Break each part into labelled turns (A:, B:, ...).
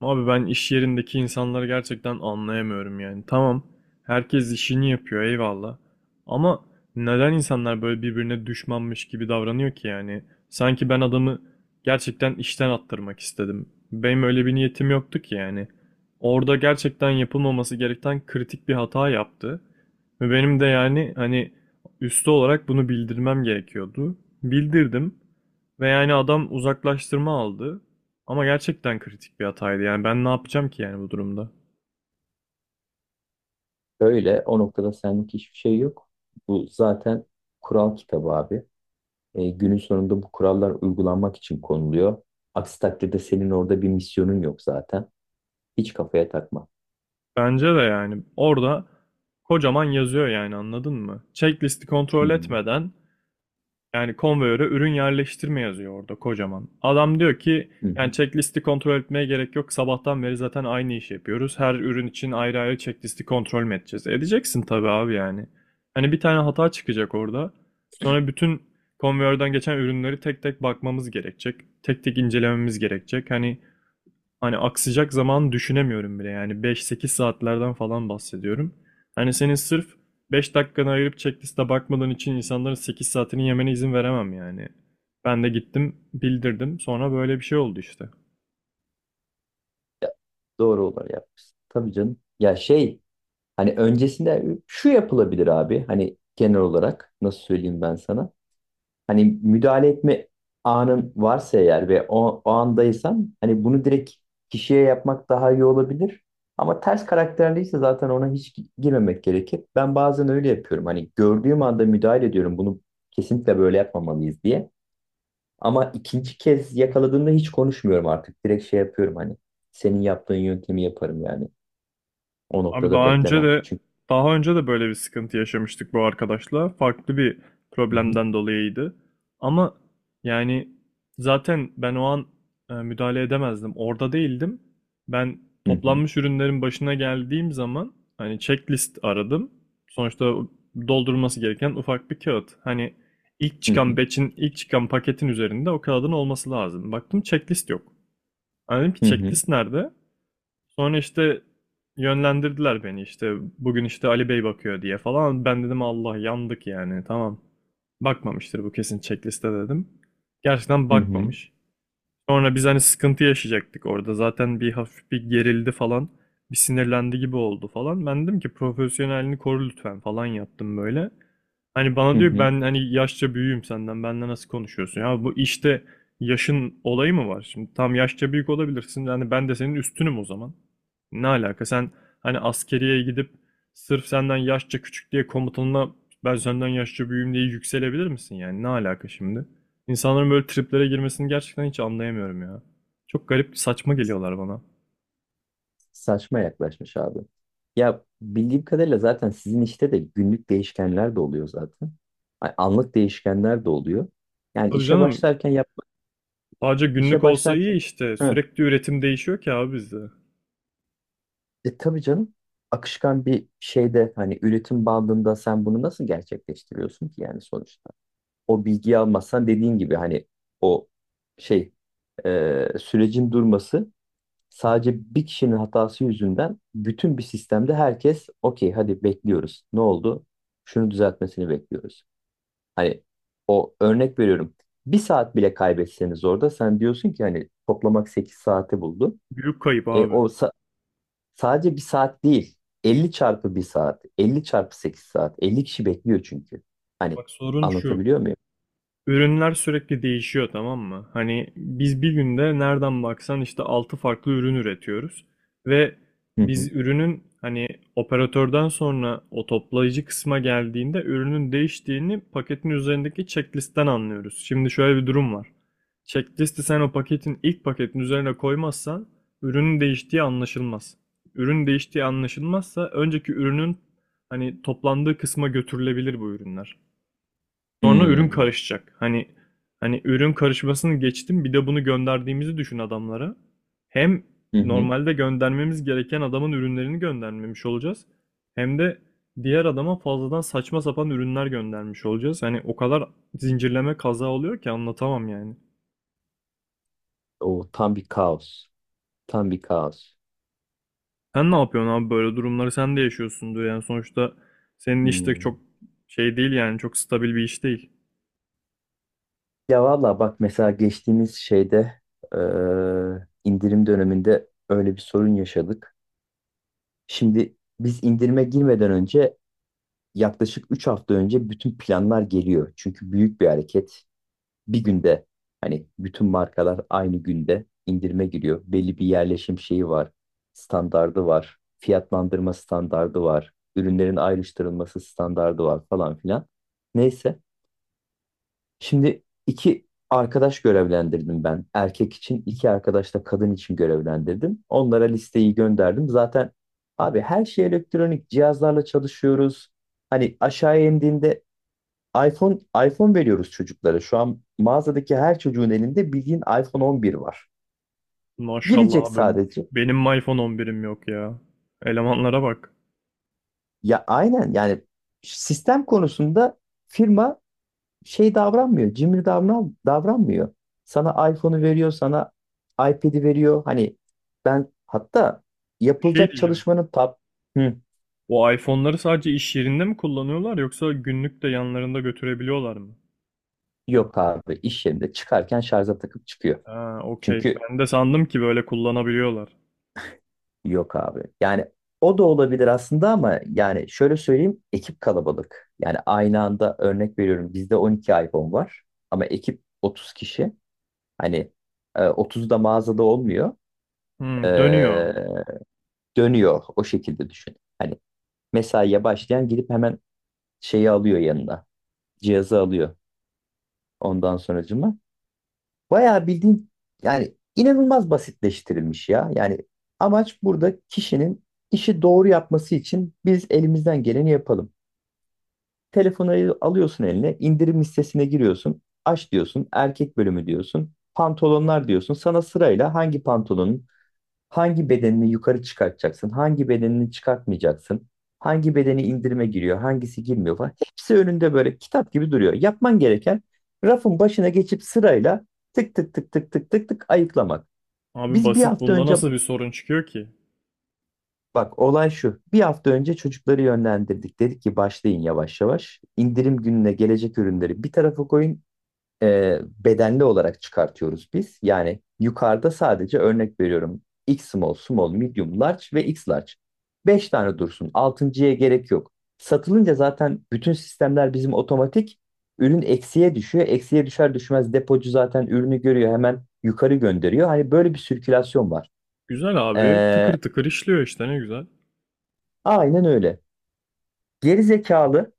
A: Abi ben iş yerindeki insanları gerçekten anlayamıyorum yani. Tamam, herkes işini yapıyor eyvallah. Ama neden insanlar böyle birbirine düşmanmış gibi davranıyor ki yani? Sanki ben adamı gerçekten işten attırmak istedim. Benim öyle bir niyetim yoktu ki yani. Orada gerçekten yapılmaması gereken kritik bir hata yaptı. Ve benim de yani hani üstü olarak bunu bildirmem gerekiyordu. Bildirdim ve yani adam uzaklaştırma aldı. Ama gerçekten kritik bir hataydı. Yani ben ne yapacağım ki yani bu durumda?
B: Öyle. O noktada senlik hiçbir şey yok. Bu zaten kural kitabı abi. Günün sonunda bu kurallar uygulanmak için konuluyor. Aksi takdirde senin orada bir misyonun yok zaten. Hiç kafaya takma.
A: Bence de yani orada kocaman yazıyor yani anladın mı? Checklisti
B: Hı
A: kontrol
B: hı.
A: etmeden yani konveyöre ürün yerleştirme yazıyor orada kocaman. Adam diyor ki
B: Hı
A: yani
B: hı.
A: checklisti kontrol etmeye gerek yok. Sabahtan beri zaten aynı işi yapıyoruz. Her ürün için ayrı ayrı checklisti kontrol mü edeceğiz? Edeceksin tabii abi yani. Hani bir tane hata çıkacak orada. Sonra bütün konveyörden geçen ürünleri tek tek bakmamız gerekecek. Tek tek incelememiz gerekecek. Hani aksayacak zaman düşünemiyorum bile. Yani 5-8 saatlerden falan bahsediyorum. Hani senin sırf 5 dakikanı ayırıp checkliste bakmadan için insanların 8 saatini yemene izin veremem yani. Ben de gittim bildirdim. Sonra böyle bir şey oldu işte.
B: Ya, doğru olanı yapmışsın. Tabii canım. Ya, hani öncesinde şu yapılabilir abi. Hani genel olarak nasıl söyleyeyim ben sana? Hani müdahale etme anın varsa eğer ve o andaysan hani bunu direkt kişiye yapmak daha iyi olabilir. Ama ters karakterliyse zaten ona hiç girmemek gerekir. Ben bazen öyle yapıyorum. Hani gördüğüm anda müdahale ediyorum. Bunu kesinlikle böyle yapmamalıyız diye. Ama ikinci kez yakaladığımda hiç konuşmuyorum artık. Direkt şey yapıyorum hani. Senin yaptığın yöntemi yaparım yani. O
A: Abi
B: noktada
A: daha önce
B: beklemem.
A: de
B: Çünkü...
A: daha önce de böyle bir sıkıntı yaşamıştık bu arkadaşla. Farklı bir
B: Hı hı.
A: problemden dolayıydı. Ama yani zaten ben o an müdahale edemezdim. Orada değildim. Ben
B: Hı hı.
A: toplanmış ürünlerin başına geldiğim zaman hani checklist aradım. Sonuçta doldurulması gereken ufak bir kağıt. Hani
B: Hı hı.
A: ilk çıkan paketin üzerinde o kağıdın olması lazım. Baktım checklist yok. Ben dedim ki
B: Hı hı.
A: checklist nerede? Sonra işte yönlendirdiler beni işte bugün işte Ali Bey bakıyor diye falan. Ben dedim Allah yandık yani tamam. Bakmamıştır bu kesin checkliste dedim. Gerçekten
B: Hı hı.
A: bakmamış. Sonra biz hani sıkıntı yaşayacaktık orada. Zaten bir hafif bir gerildi falan. Bir sinirlendi gibi oldu falan. Ben dedim ki profesyonelini koru lütfen falan yaptım böyle. Hani bana diyor
B: Hı.
A: ben hani yaşça büyüğüm senden. Benle nasıl konuşuyorsun? Ya bu işte yaşın olayı mı var? Şimdi tam yaşça büyük olabilirsin. Yani ben de senin üstünüm o zaman. Ne alaka? Sen hani askeriye gidip sırf senden yaşça küçük diye komutanına ben senden yaşça büyüğüm diye yükselebilir misin? Yani ne alaka şimdi? İnsanların böyle triplere girmesini gerçekten hiç anlayamıyorum ya. Çok garip, saçma geliyorlar bana.
B: Saçma yaklaşmış abi. Ya bildiğim kadarıyla zaten sizin işte de günlük değişkenler de oluyor zaten. Ay, anlık değişkenler de oluyor. Yani
A: Tabii canım, sadece
B: işe
A: günlük olsa iyi
B: başlarken...
A: işte.
B: Hı.
A: Sürekli üretim değişiyor ki abi bizde.
B: Tabii canım, akışkan bir şeyde hani üretim bandında sen bunu nasıl gerçekleştiriyorsun ki yani sonuçta? O bilgiyi almazsan dediğin gibi hani o şey, sürecin durması... Sadece bir kişinin hatası yüzünden bütün bir sistemde herkes okey, hadi bekliyoruz. Ne oldu? Şunu düzeltmesini bekliyoruz. Hani o, örnek veriyorum. Bir saat bile kaybetseniz orada sen diyorsun ki hani toplamak 8 saati buldu.
A: Büyük kayıp
B: E,
A: abi.
B: o sa- sadece bir saat değil. 50 çarpı bir saat. 50 çarpı 8 saat. 50 kişi bekliyor çünkü. Hani
A: Bak sorun şu.
B: anlatabiliyor muyum?
A: Ürünler sürekli değişiyor tamam mı? Hani biz bir günde nereden baksan işte 6 farklı ürün üretiyoruz ve
B: Hı hı.
A: biz ürünün hani operatörden sonra o toplayıcı kısma geldiğinde ürünün değiştiğini paketin üzerindeki checklistten anlıyoruz. Şimdi şöyle bir durum var. Checklisti sen o paketin ilk paketin üzerine koymazsan ürünün değiştiği anlaşılmaz. Ürün değiştiği anlaşılmazsa önceki ürünün hani toplandığı kısma götürülebilir bu ürünler. Sonra ürün
B: Hmm.
A: karışacak. Hani ürün karışmasını geçtim. Bir de bunu gönderdiğimizi düşün adamlara. Hem
B: Hı hı.
A: normalde göndermemiz gereken adamın ürünlerini göndermemiş olacağız. Hem de diğer adama fazladan saçma sapan ürünler göndermiş olacağız. Hani o kadar zincirleme kaza oluyor ki anlatamam yani.
B: O tam bir kaos. Tam bir kaos.
A: Sen ne yapıyorsun abi böyle durumları sen de yaşıyorsundur yani sonuçta senin iş de
B: Hmm.
A: çok şey değil yani çok stabil bir iş değil.
B: Ya valla bak mesela geçtiğimiz şeyde, e, indirim döneminde öyle bir sorun yaşadık. Şimdi biz indirime girmeden önce yaklaşık 3 hafta önce bütün planlar geliyor. Çünkü büyük bir hareket. Bir günde hani bütün markalar aynı günde indirime giriyor. Belli bir yerleşim şeyi var, standardı var, fiyatlandırma standardı var, ürünlerin ayrıştırılması standardı var falan filan. Neyse. Şimdi iki arkadaş görevlendirdim ben. Erkek için iki arkadaş da kadın için görevlendirdim. Onlara listeyi gönderdim. Zaten abi her şey elektronik cihazlarla çalışıyoruz. Hani aşağıya indiğinde iPhone iPhone veriyoruz çocuklara. Şu an mağazadaki her çocuğun elinde bildiğin iPhone 11 var.
A: Maşallah
B: Girecek
A: abi
B: sadece.
A: benim iPhone 11'im yok ya. Elemanlara bak.
B: Ya aynen yani sistem konusunda firma şey davranmıyor. Cimri davranmıyor. Sana iPhone'u veriyor, sana iPad'i veriyor. Hani ben hatta
A: Bir şey
B: yapılacak
A: diyeceğim.
B: çalışmanın tab... Hı.
A: Bu iPhone'ları sadece iş yerinde mi kullanıyorlar yoksa günlük de yanlarında götürebiliyorlar mı?
B: Yok abi, iş yerinde çıkarken şarja takıp çıkıyor.
A: Ha, okey.
B: Çünkü...
A: Ben de sandım ki böyle kullanabiliyorlar.
B: Yok abi. Yani o da olabilir aslında ama yani şöyle söyleyeyim, ekip kalabalık. Yani aynı anda örnek veriyorum bizde 12 iPhone var ama ekip 30 kişi. Hani 30 da mağazada olmuyor.
A: Hmm, dönüyor.
B: E, Dönüyor o şekilde düşün. Hani mesaiye başlayan gidip hemen şeyi alıyor yanına. Cihazı alıyor ondan sonracıma. Bayağı bildiğin yani inanılmaz basitleştirilmiş ya. Yani amaç burada kişinin işi doğru yapması için biz elimizden geleni yapalım. Telefonu alıyorsun eline, indirim listesine giriyorsun. Aç diyorsun, erkek bölümü diyorsun. Pantolonlar diyorsun. Sana sırayla hangi pantolonun... Hangi bedenini yukarı çıkartacaksın? Hangi bedenini çıkartmayacaksın? Hangi bedeni indirime giriyor? Hangisi girmiyor falan. Hepsi önünde böyle kitap gibi duruyor. Yapman gereken rafın başına geçip sırayla tık tık tık tık tık tık tık ayıklamak.
A: Abi
B: Biz bir
A: basit
B: hafta
A: bunda
B: önce...
A: nasıl bir sorun çıkıyor ki?
B: Bak, olay şu. Bir hafta önce çocukları yönlendirdik. Dedik ki başlayın yavaş yavaş. İndirim gününe gelecek ürünleri bir tarafa koyun, bedenli olarak çıkartıyoruz biz. Yani yukarıda sadece örnek veriyorum. X small, small, medium, large ve X large. Beş tane dursun. Altıncıya gerek yok. Satılınca zaten bütün sistemler bizim otomatik. Ürün eksiye düşüyor. Eksiye düşer düşmez depocu zaten ürünü görüyor. Hemen yukarı gönderiyor. Hani böyle bir sirkülasyon var.
A: Güzel abi.
B: Ee,
A: Tıkır tıkır işliyor işte ne güzel.
B: aynen öyle. Geri zekalı...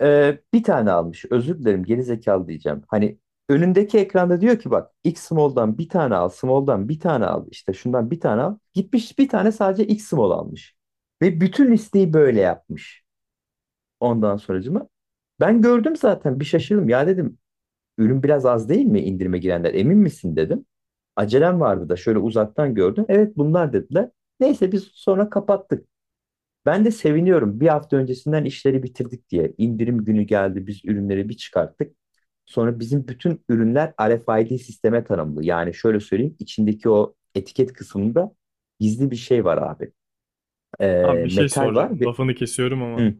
B: Bir tane almış. Özür dilerim, geri zekalı diyeceğim. Hani önündeki ekranda diyor ki bak X small'dan bir tane al, small'dan bir tane al, işte şundan bir tane al. Gitmiş bir tane sadece X small almış. Ve bütün listeyi böyle yapmış. Ondan sonracıma. Ben gördüm zaten bir şaşırdım. Ya dedim ürün biraz az değil mi, indirime girenler emin misin dedim. Acelem vardı da şöyle uzaktan gördüm. Evet bunlar dediler. Neyse biz sonra kapattık. Ben de seviniyorum. Bir hafta öncesinden işleri bitirdik diye. İndirim günü geldi. Biz ürünleri bir çıkarttık. Sonra bizim bütün ürünler R f RFID sisteme tanımlı. Yani şöyle söyleyeyim. İçindeki o etiket kısmında gizli bir şey var abi.
A: Abi bir şey
B: Metal var.
A: soracağım.
B: Bir...
A: Lafını kesiyorum ama
B: Hı,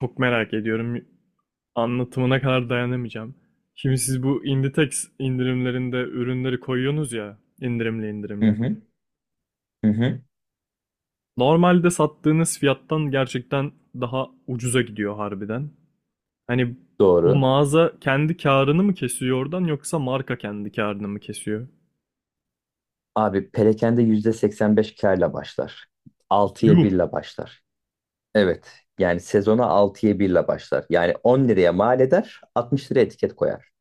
A: çok merak ediyorum. Anlatımına kadar dayanamayacağım. Şimdi siz bu Inditex indirimlerinde ürünleri koyuyorsunuz ya indirimli
B: hı,
A: indirimli.
B: hı, hı, hı.
A: Normalde sattığınız fiyattan gerçekten daha ucuza gidiyor harbiden. Hani bu
B: Doğru.
A: mağaza kendi karını mı kesiyor oradan yoksa marka kendi karını mı kesiyor?
B: Abi perakende %85 kârla başlar. 6'ya
A: Yuh!
B: 1'le başlar. Evet. Yani sezona 6'ya 1'le başlar. Yani 10 liraya mal eder, 60 liraya etiket koyar.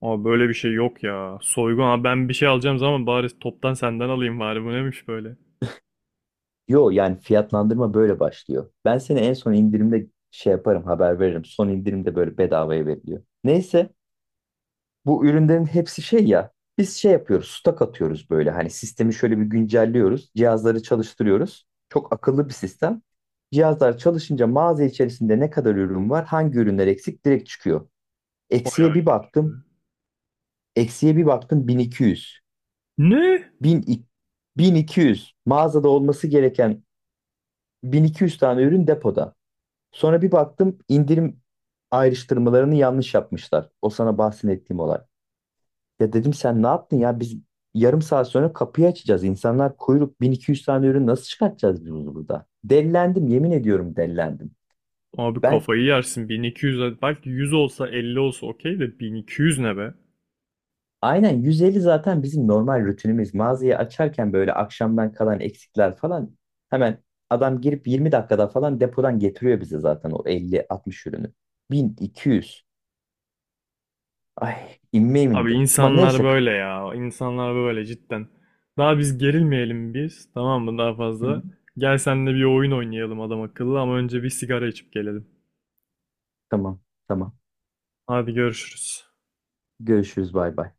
A: Aa böyle bir şey yok ya. Soygun. Aa ben bir şey alacağım zaman bari toptan senden alayım bari. Bu neymiş böyle?
B: Yo yani fiyatlandırma böyle başlıyor. Ben seni en son indirimde şey yaparım, haber veririm. Son indirimde böyle bedavaya veriliyor. Neyse bu ürünlerin hepsi şey ya, biz şey yapıyoruz, stok atıyoruz, böyle hani sistemi şöyle bir güncelliyoruz. Cihazları çalıştırıyoruz. Çok akıllı bir sistem. Cihazlar çalışınca mağaza içerisinde ne kadar ürün var, hangi ürünler eksik direkt çıkıyor.
A: Bayağı
B: Eksiye bir
A: iyiymiş
B: baktım
A: be.
B: Eksiye bir baktım 1200.
A: Ne?
B: 1000, 1200 mağazada olması gereken, 1200 tane ürün depoda. Sonra bir baktım indirim ayrıştırmalarını yanlış yapmışlar. O sana bahsettiğim olay. Ya dedim sen ne yaptın ya, biz yarım saat sonra kapıyı açacağız. İnsanlar kuyruk, 1200 tane ürün nasıl çıkartacağız biz bunu burada? Dellendim yemin ediyorum, dellendim.
A: Abi
B: Ben
A: kafayı yersin. 1.200 belki 100 olsa 50 olsa okey de 1.200 ne be?
B: aynen 150 zaten bizim normal rutinimiz. Mağazayı açarken böyle akşamdan kalan eksikler falan hemen adam girip 20 dakikada falan depodan getiriyor bize zaten o 50-60 ürünü. 1200. Ay, inmeyeyim
A: Abi
B: indi. Ama
A: insanlar
B: neyse.
A: böyle ya. İnsanlar böyle cidden. Daha biz gerilmeyelim biz. Tamam mı daha
B: Hı hı.
A: fazla? Gel seninle bir oyun oynayalım adam akıllı ama önce bir sigara içip gelelim.
B: Tamam, tamam.
A: Hadi görüşürüz.
B: Görüşürüz. Bay bay.